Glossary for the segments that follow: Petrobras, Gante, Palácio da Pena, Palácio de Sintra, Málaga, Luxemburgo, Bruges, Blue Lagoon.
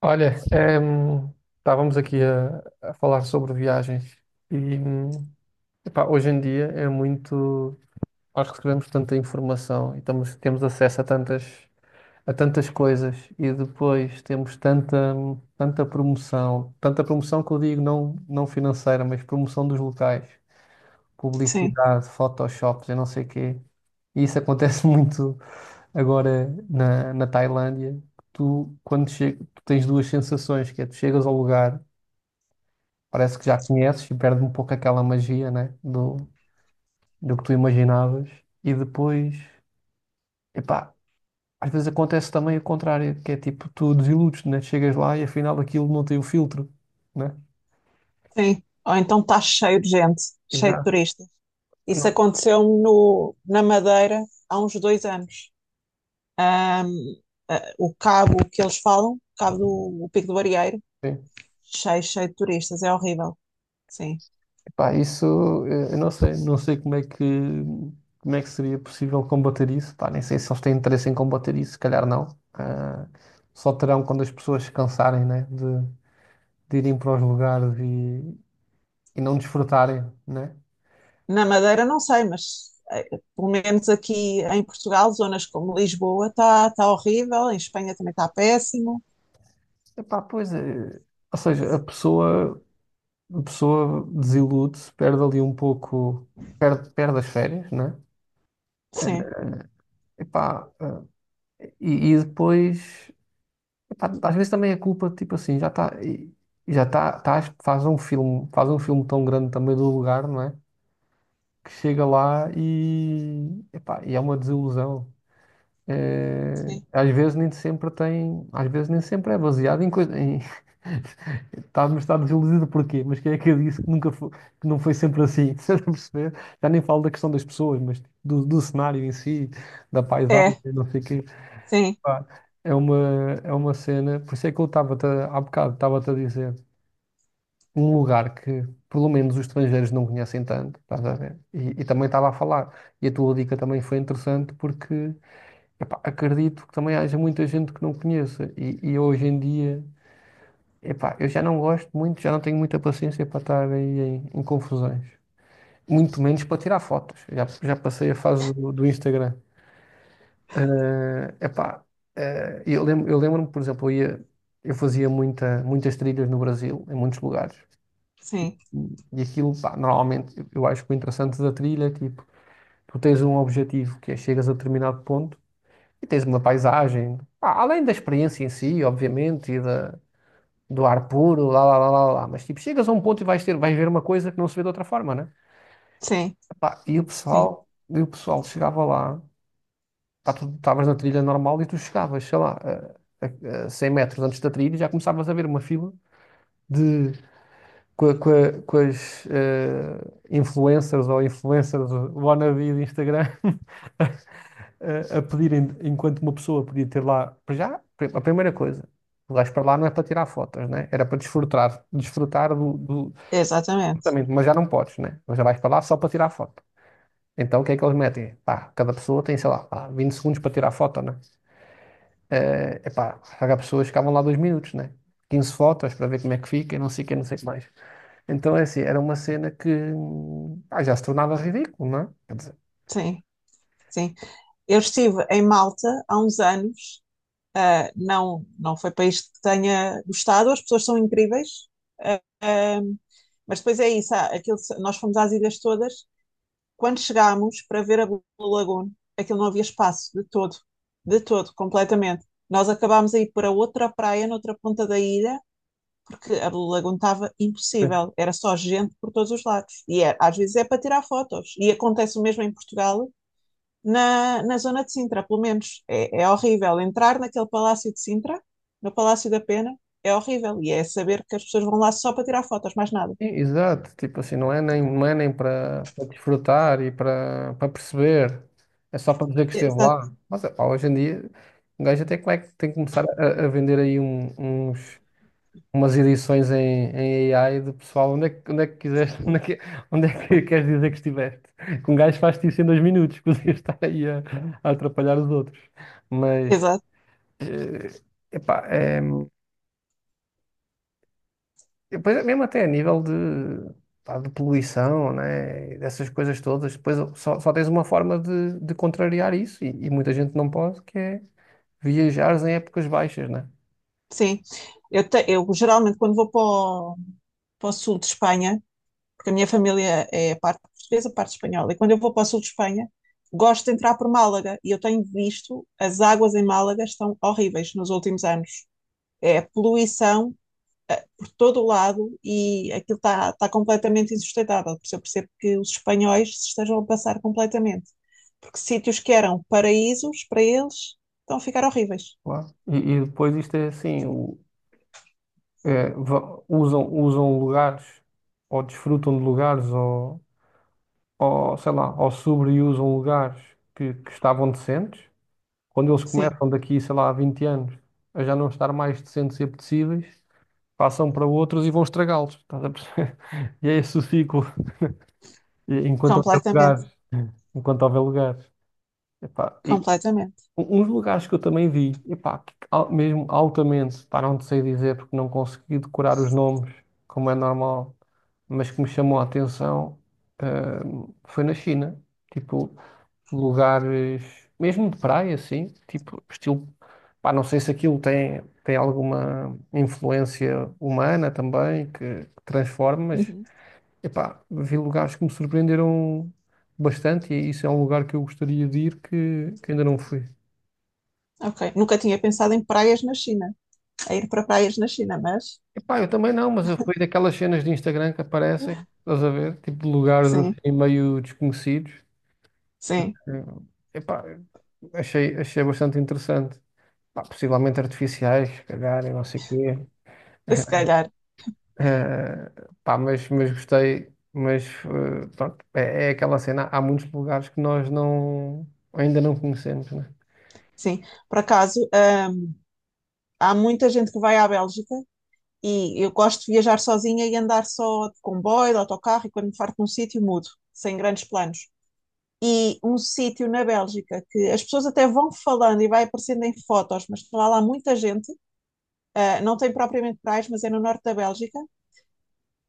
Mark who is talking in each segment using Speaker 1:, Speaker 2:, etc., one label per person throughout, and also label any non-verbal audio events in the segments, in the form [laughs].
Speaker 1: Olha, estávamos aqui a falar sobre viagens e epá, hoje em dia é muito. Nós recebemos tanta informação e temos acesso a a tantas coisas e depois temos tanta promoção que eu digo não, não financeira, mas promoção dos locais,
Speaker 2: Sim,
Speaker 1: publicidade, photoshops e não sei quê. E isso acontece [laughs] muito agora na Tailândia. Tu, tu tens duas sensações, que é tu chegas ao lugar. Parece que já conheces e perde um pouco aquela magia, né? Do que tu imaginavas. E depois, epá, às vezes acontece também o contrário, que é tipo, tu desiludes, né? Chegas lá e afinal aquilo não tem o filtro, né?
Speaker 2: sim. Ou então está cheio de gente, cheio de
Speaker 1: Exato.
Speaker 2: turistas. Isso
Speaker 1: Não.
Speaker 2: aconteceu-me na Madeira há uns 2 anos. Ahm, o cabo que eles falam, cabo do o Pico do Arieiro,
Speaker 1: Sim.
Speaker 2: cheio, cheio de turistas, é horrível. Sim.
Speaker 1: Epá, isso eu não sei como é que seria possível combater isso. Pá, nem sei se eles têm interesse em combater isso, se calhar não. Ah, só terão quando as pessoas se cansarem, né? De irem para os lugares e não desfrutarem, né?
Speaker 2: Na Madeira não sei, mas pelo menos aqui em Portugal, zonas como Lisboa está tá horrível, em Espanha também está péssimo.
Speaker 1: Epá, pois é. Ou seja, a pessoa desilude-se, perde ali um pouco, perde as férias, né?
Speaker 2: Sim,
Speaker 1: Epá, e depois, epá, às vezes também é culpa, tipo assim, já está, faz um filme tão grande também do lugar, não é? Que chega lá e, epá, e é uma desilusão. Eh,
Speaker 2: sim.
Speaker 1: às vezes nem sempre tem, às vezes nem sempre é baseado em coisa, em, [laughs] Mas está desiludido porquê? Mas quem é que eu disse que nunca foi, que não foi sempre assim? [laughs] Estás a perceber? Já nem falo da questão das pessoas, mas do cenário em si, da paisagem,
Speaker 2: É,
Speaker 1: não sei o quê.
Speaker 2: sim,
Speaker 1: Pá, é uma, é uma cena. Por isso é que eu há bocado, estava-te a dizer um lugar que, pelo menos, os estrangeiros não conhecem tanto, estás a ver? E também estava a falar. E a tua dica também foi interessante porque, epá, acredito que também haja muita gente que não conheça. E hoje em dia. Epá, eu já não gosto muito, já não tenho muita paciência para estar aí em, em confusões. Muito menos para tirar fotos. Já passei a fase do Instagram. Epá, eu lembro-me, por exemplo, eu fazia muitas trilhas no Brasil, em muitos lugares.
Speaker 2: sim,
Speaker 1: E aquilo, pá, normalmente, eu acho que o interessante da trilha é tipo, tu tens um objetivo que é chegas a determinado ponto e tens uma paisagem, pá, além da experiência em si, obviamente, e do ar puro, lá, lá, lá, lá, lá. Mas tipo, chegas a um ponto e vais ver uma coisa que não se vê de outra forma, né?
Speaker 2: sim,
Speaker 1: Pá,
Speaker 2: sim.
Speaker 1: e o pessoal chegava lá, pá, tu estavas na trilha normal e tu chegavas, sei lá, a 100 metros antes da trilha e já começavas a ver uma fila de. Com as influencers ou influencers wannabe de Instagram [laughs] a pedirem, enquanto uma pessoa podia ter lá, para já, a primeira coisa, o gajo para lá não é para tirar fotos, né? Era para desfrutar
Speaker 2: Exatamente.
Speaker 1: Exatamente, mas já não podes, né? Mas já vais para lá só para tirar foto. Então o que é que eles metem? Pá, cada pessoa tem, sei lá, pá, 20 segundos para tirar foto, né? É pá, cada pessoa ficavam lá 2 minutos, né? 15 fotos para ver como é que fica e não sei o que, não sei o que mais. Então é assim, era uma cena que pá, já se tornava ridículo, não é? Quer dizer,
Speaker 2: Sim, sim. Eu estive em Malta há uns anos. Ah, não, não foi país que tenha gostado. As pessoas são incríveis. ah, ah, mas depois é isso. Há aquilo, nós fomos às ilhas todas. Quando chegámos para ver a Blue Lagoon, aquilo não havia espaço de todo, completamente. Nós acabámos a ir para outra praia, noutra ponta da ilha, porque a Blue Lagoon estava
Speaker 1: Sim.
Speaker 2: impossível. Era só gente por todos os lados. Às vezes é para tirar fotos. E acontece o mesmo em Portugal na zona de Sintra, pelo menos. É, é horrível entrar naquele Palácio de Sintra, no Palácio da Pena, é horrível. E é saber que as pessoas vão lá só para tirar fotos, mais nada.
Speaker 1: Exato, tipo assim, não é nem para desfrutar e para perceber, é só para dizer que esteve
Speaker 2: Exato,
Speaker 1: lá. Mas é hoje em dia, um gajo até como é que tem que começar a vender aí um- uns. Umas edições em, em AI de pessoal, onde é que, quiseste, [laughs] onde é que, queres dizer que estiveste? Que um gajo faz-te isso em 2 minutos, [laughs] podia estar aí a atrapalhar os outros. Mas,
Speaker 2: exato,
Speaker 1: eh, epá, é, depois é mesmo até a nível de, pá, de poluição, né? E dessas coisas todas, depois só tens uma forma de contrariar isso, e muita gente não pode, que é viajares em épocas baixas, né?
Speaker 2: sim. Eu geralmente, quando vou para para o sul de Espanha, porque a minha família é parte portuguesa, parte espanhola, e quando eu vou para o sul de Espanha, gosto de entrar por Málaga. E eu tenho visto, as águas em Málaga estão horríveis nos últimos anos. É poluição por todo o lado e aquilo está completamente insustentável. Por isso eu percebo que os espanhóis se estejam a passar completamente. Porque sítios que eram paraísos para eles estão a ficar horríveis.
Speaker 1: Claro. E depois isto é assim, usam lugares ou desfrutam de lugares ou sei lá, ou sobreusam lugares que estavam decentes. Quando eles
Speaker 2: Sim,
Speaker 1: começam daqui, sei lá, a 20 anos a já não estar mais decentes e apetecíveis, passam para outros e vão estragá-los. Estás a perceber? [laughs] E é esse o ciclo. Enquanto houver
Speaker 2: completamente.
Speaker 1: lugares. Enquanto houver lugares. Epá, e
Speaker 2: Completamente.
Speaker 1: uns lugares que eu também vi, epá, que mesmo altamente, pá, não te sei dizer porque não consegui decorar os nomes, como é normal, mas que me chamou a atenção, ah, foi na China. Tipo, lugares, mesmo de praia, assim, tipo, estilo. Pá, não sei se aquilo tem alguma influência humana também que transforma, mas
Speaker 2: Uhum.
Speaker 1: epá, vi lugares que me surpreenderam bastante e isso é um lugar que eu gostaria de ir que ainda não fui.
Speaker 2: Ok. Nunca tinha pensado em praias na China, a ir para praias na China, mas
Speaker 1: Epá, eu também não, mas eu fui daquelas cenas de Instagram que aparecem, estás a ver? Tipo, de lugares
Speaker 2: sim,
Speaker 1: assim meio desconhecidos.
Speaker 2: sim,
Speaker 1: Eh, Epá, achei bastante interessante. Pá, possivelmente artificiais, se calhar, e não sei o quê.
Speaker 2: se
Speaker 1: [laughs]
Speaker 2: calhar,
Speaker 1: Eh, pá, mas gostei. Mas pronto, é aquela cena. Há muitos lugares que nós não, ainda não conhecemos, né?
Speaker 2: sim. Por acaso, há muita gente que vai à Bélgica. E eu gosto de viajar sozinha e andar só de comboio, de autocarro, e quando me farto de um sítio, mudo, sem grandes planos. E um sítio na Bélgica que as pessoas até vão falando e vai aparecendo em fotos, mas lá muita gente, ah, não tem propriamente praias, mas é no norte da Bélgica,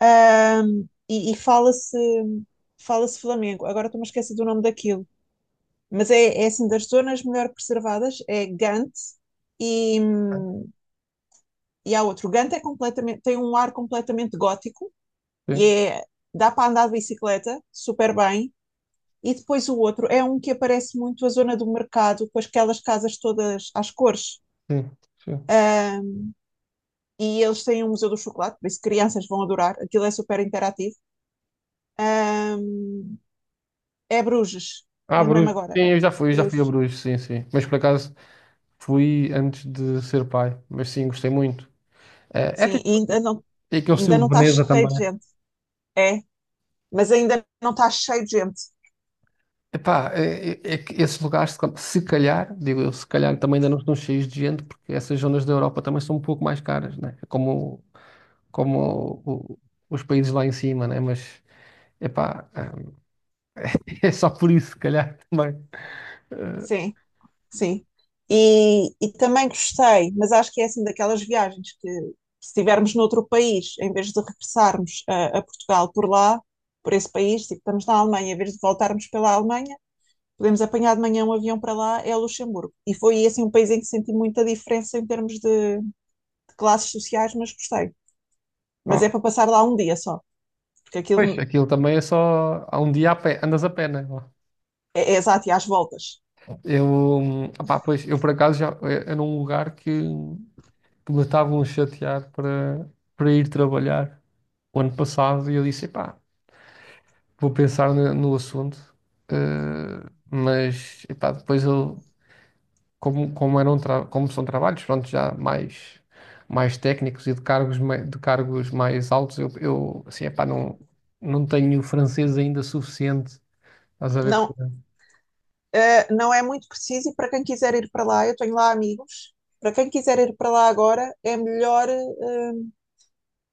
Speaker 2: ah, e fala-se Flamengo. Agora estou-me a esquecer do nome daquilo, mas é, é assim das zonas melhor preservadas, é Gante e e há outro. Gante é completamente, tem um ar completamente gótico e
Speaker 1: Sim,
Speaker 2: é, dá para andar de bicicleta super bem. E depois o outro é um que aparece muito a zona do mercado, com aquelas casas todas às cores.
Speaker 1: sim, sim.
Speaker 2: Ahm, e eles têm um museu do chocolate, por isso crianças vão adorar. Aquilo é super interativo. Ahm, É Bruges,
Speaker 1: Ah,
Speaker 2: lembrei-me
Speaker 1: Bruges.
Speaker 2: agora.
Speaker 1: Sim, eu já fui a
Speaker 2: Bruges.
Speaker 1: Bruges, sim, sim. Mas por acaso fui antes de ser pai. Mas sim, gostei muito. Eh, É,
Speaker 2: Sim,
Speaker 1: tipo- é aquele
Speaker 2: ainda
Speaker 1: estilo
Speaker 2: não
Speaker 1: de
Speaker 2: está
Speaker 1: Veneza
Speaker 2: cheio
Speaker 1: também.
Speaker 2: de gente. É, mas ainda não está cheio de gente.
Speaker 1: Epá, é que esses lugares, se calhar, digo eu, se calhar também ainda não estão cheios de gente, porque essas zonas da Europa também são um pouco mais caras, né? É como, como o- o- os países lá em cima, né? Mas, epá, hum, [laughs] é só por isso, se calhar, também. Eh,
Speaker 2: Sim. Sim. E também gostei, mas acho que é assim daquelas viagens que, se estivermos noutro país, em vez de regressarmos a Portugal por lá, por esse país, tipo, estamos na Alemanha, em vez de voltarmos pela Alemanha, podemos apanhar de manhã um avião para lá, é Luxemburgo. E foi assim um país em que senti muita diferença em termos de classes sociais, mas gostei. Mas
Speaker 1: pá,
Speaker 2: é para passar lá um dia só, porque
Speaker 1: pois,
Speaker 2: aquilo
Speaker 1: aquilo também é só, há um dia a pé, andas a pé, né?
Speaker 2: é, é exato e às voltas.
Speaker 1: Eu, epá, pois, eu por acaso já, era um lugar que me estavam a chatear para ir trabalhar o ano passado e eu disse, epá, vou pensar no assunto, mas epá, depois eu, como são trabalhos, pronto, já mais técnicos e de cargos, de cargos mais altos, eu assim, epá, não, não tenho francês ainda suficiente, estás a ver?
Speaker 2: Não, uh, não é muito preciso e para quem quiser ir para lá, eu tenho lá amigos. Para quem quiser ir para lá agora, é melhor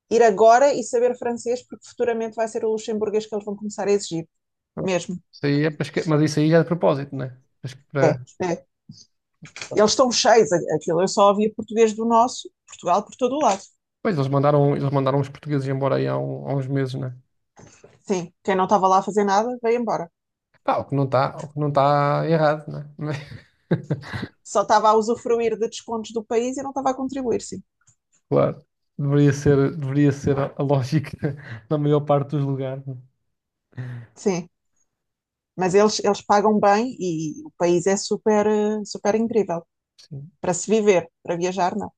Speaker 2: ir agora e saber francês, porque futuramente vai ser o luxemburguês que eles vão começar a exigir,
Speaker 1: para-
Speaker 2: mesmo.
Speaker 1: Isso aí é para esque- mas isso aí já é de propósito, né? Acho que
Speaker 2: É, é. Eles estão cheios, aquilo. Eu só ouvia português do nosso, Portugal por todo o lado.
Speaker 1: Pois, eles mandaram os portugueses embora aí há uns meses, né?
Speaker 2: Sim, quem não estava lá a fazer nada, veio embora.
Speaker 1: Pá, o que não está errado, né? [laughs]
Speaker 2: Só estava a usufruir de descontos do país e não estava a contribuir, sim.
Speaker 1: Claro. Deveria ser a lógica [laughs] na maior parte dos lugares, né?
Speaker 2: Sim, mas eles pagam bem e o país é super, super incrível.
Speaker 1: Sim.
Speaker 2: Para se viver, para viajar, não.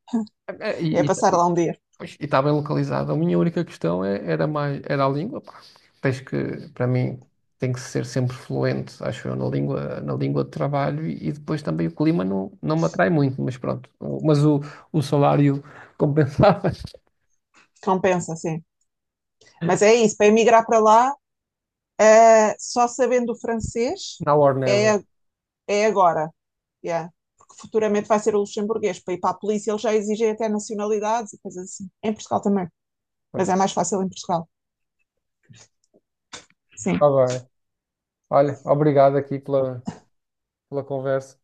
Speaker 1: É, é,
Speaker 2: É passar
Speaker 1: e
Speaker 2: lá um dia.
Speaker 1: está bem localizado. A minha única questão era mais, era a língua, pá. Para mim, tem que ser sempre fluente, acho eu, na língua, de trabalho e depois também o clima não, não me atrai muito, mas pronto. Mas o salário compensava. [laughs]
Speaker 2: Compensa, sim. Mas é isso, para emigrar para lá, só sabendo o francês
Speaker 1: Now or
Speaker 2: é,
Speaker 1: never.
Speaker 2: é agora. Yeah. Porque futuramente vai ser o luxemburguês. Para ir para a polícia, eles já exigem até nacionalidades e coisas assim. Em Portugal também.
Speaker 1: Pois.
Speaker 2: Mas é mais fácil em Portugal. Sim.
Speaker 1: Está bem. Olha, obrigado aqui pela conversa.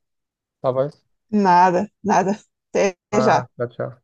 Speaker 1: Está bem?
Speaker 2: Nada, nada. Até
Speaker 1: Ah,
Speaker 2: já.
Speaker 1: tchau, tchau.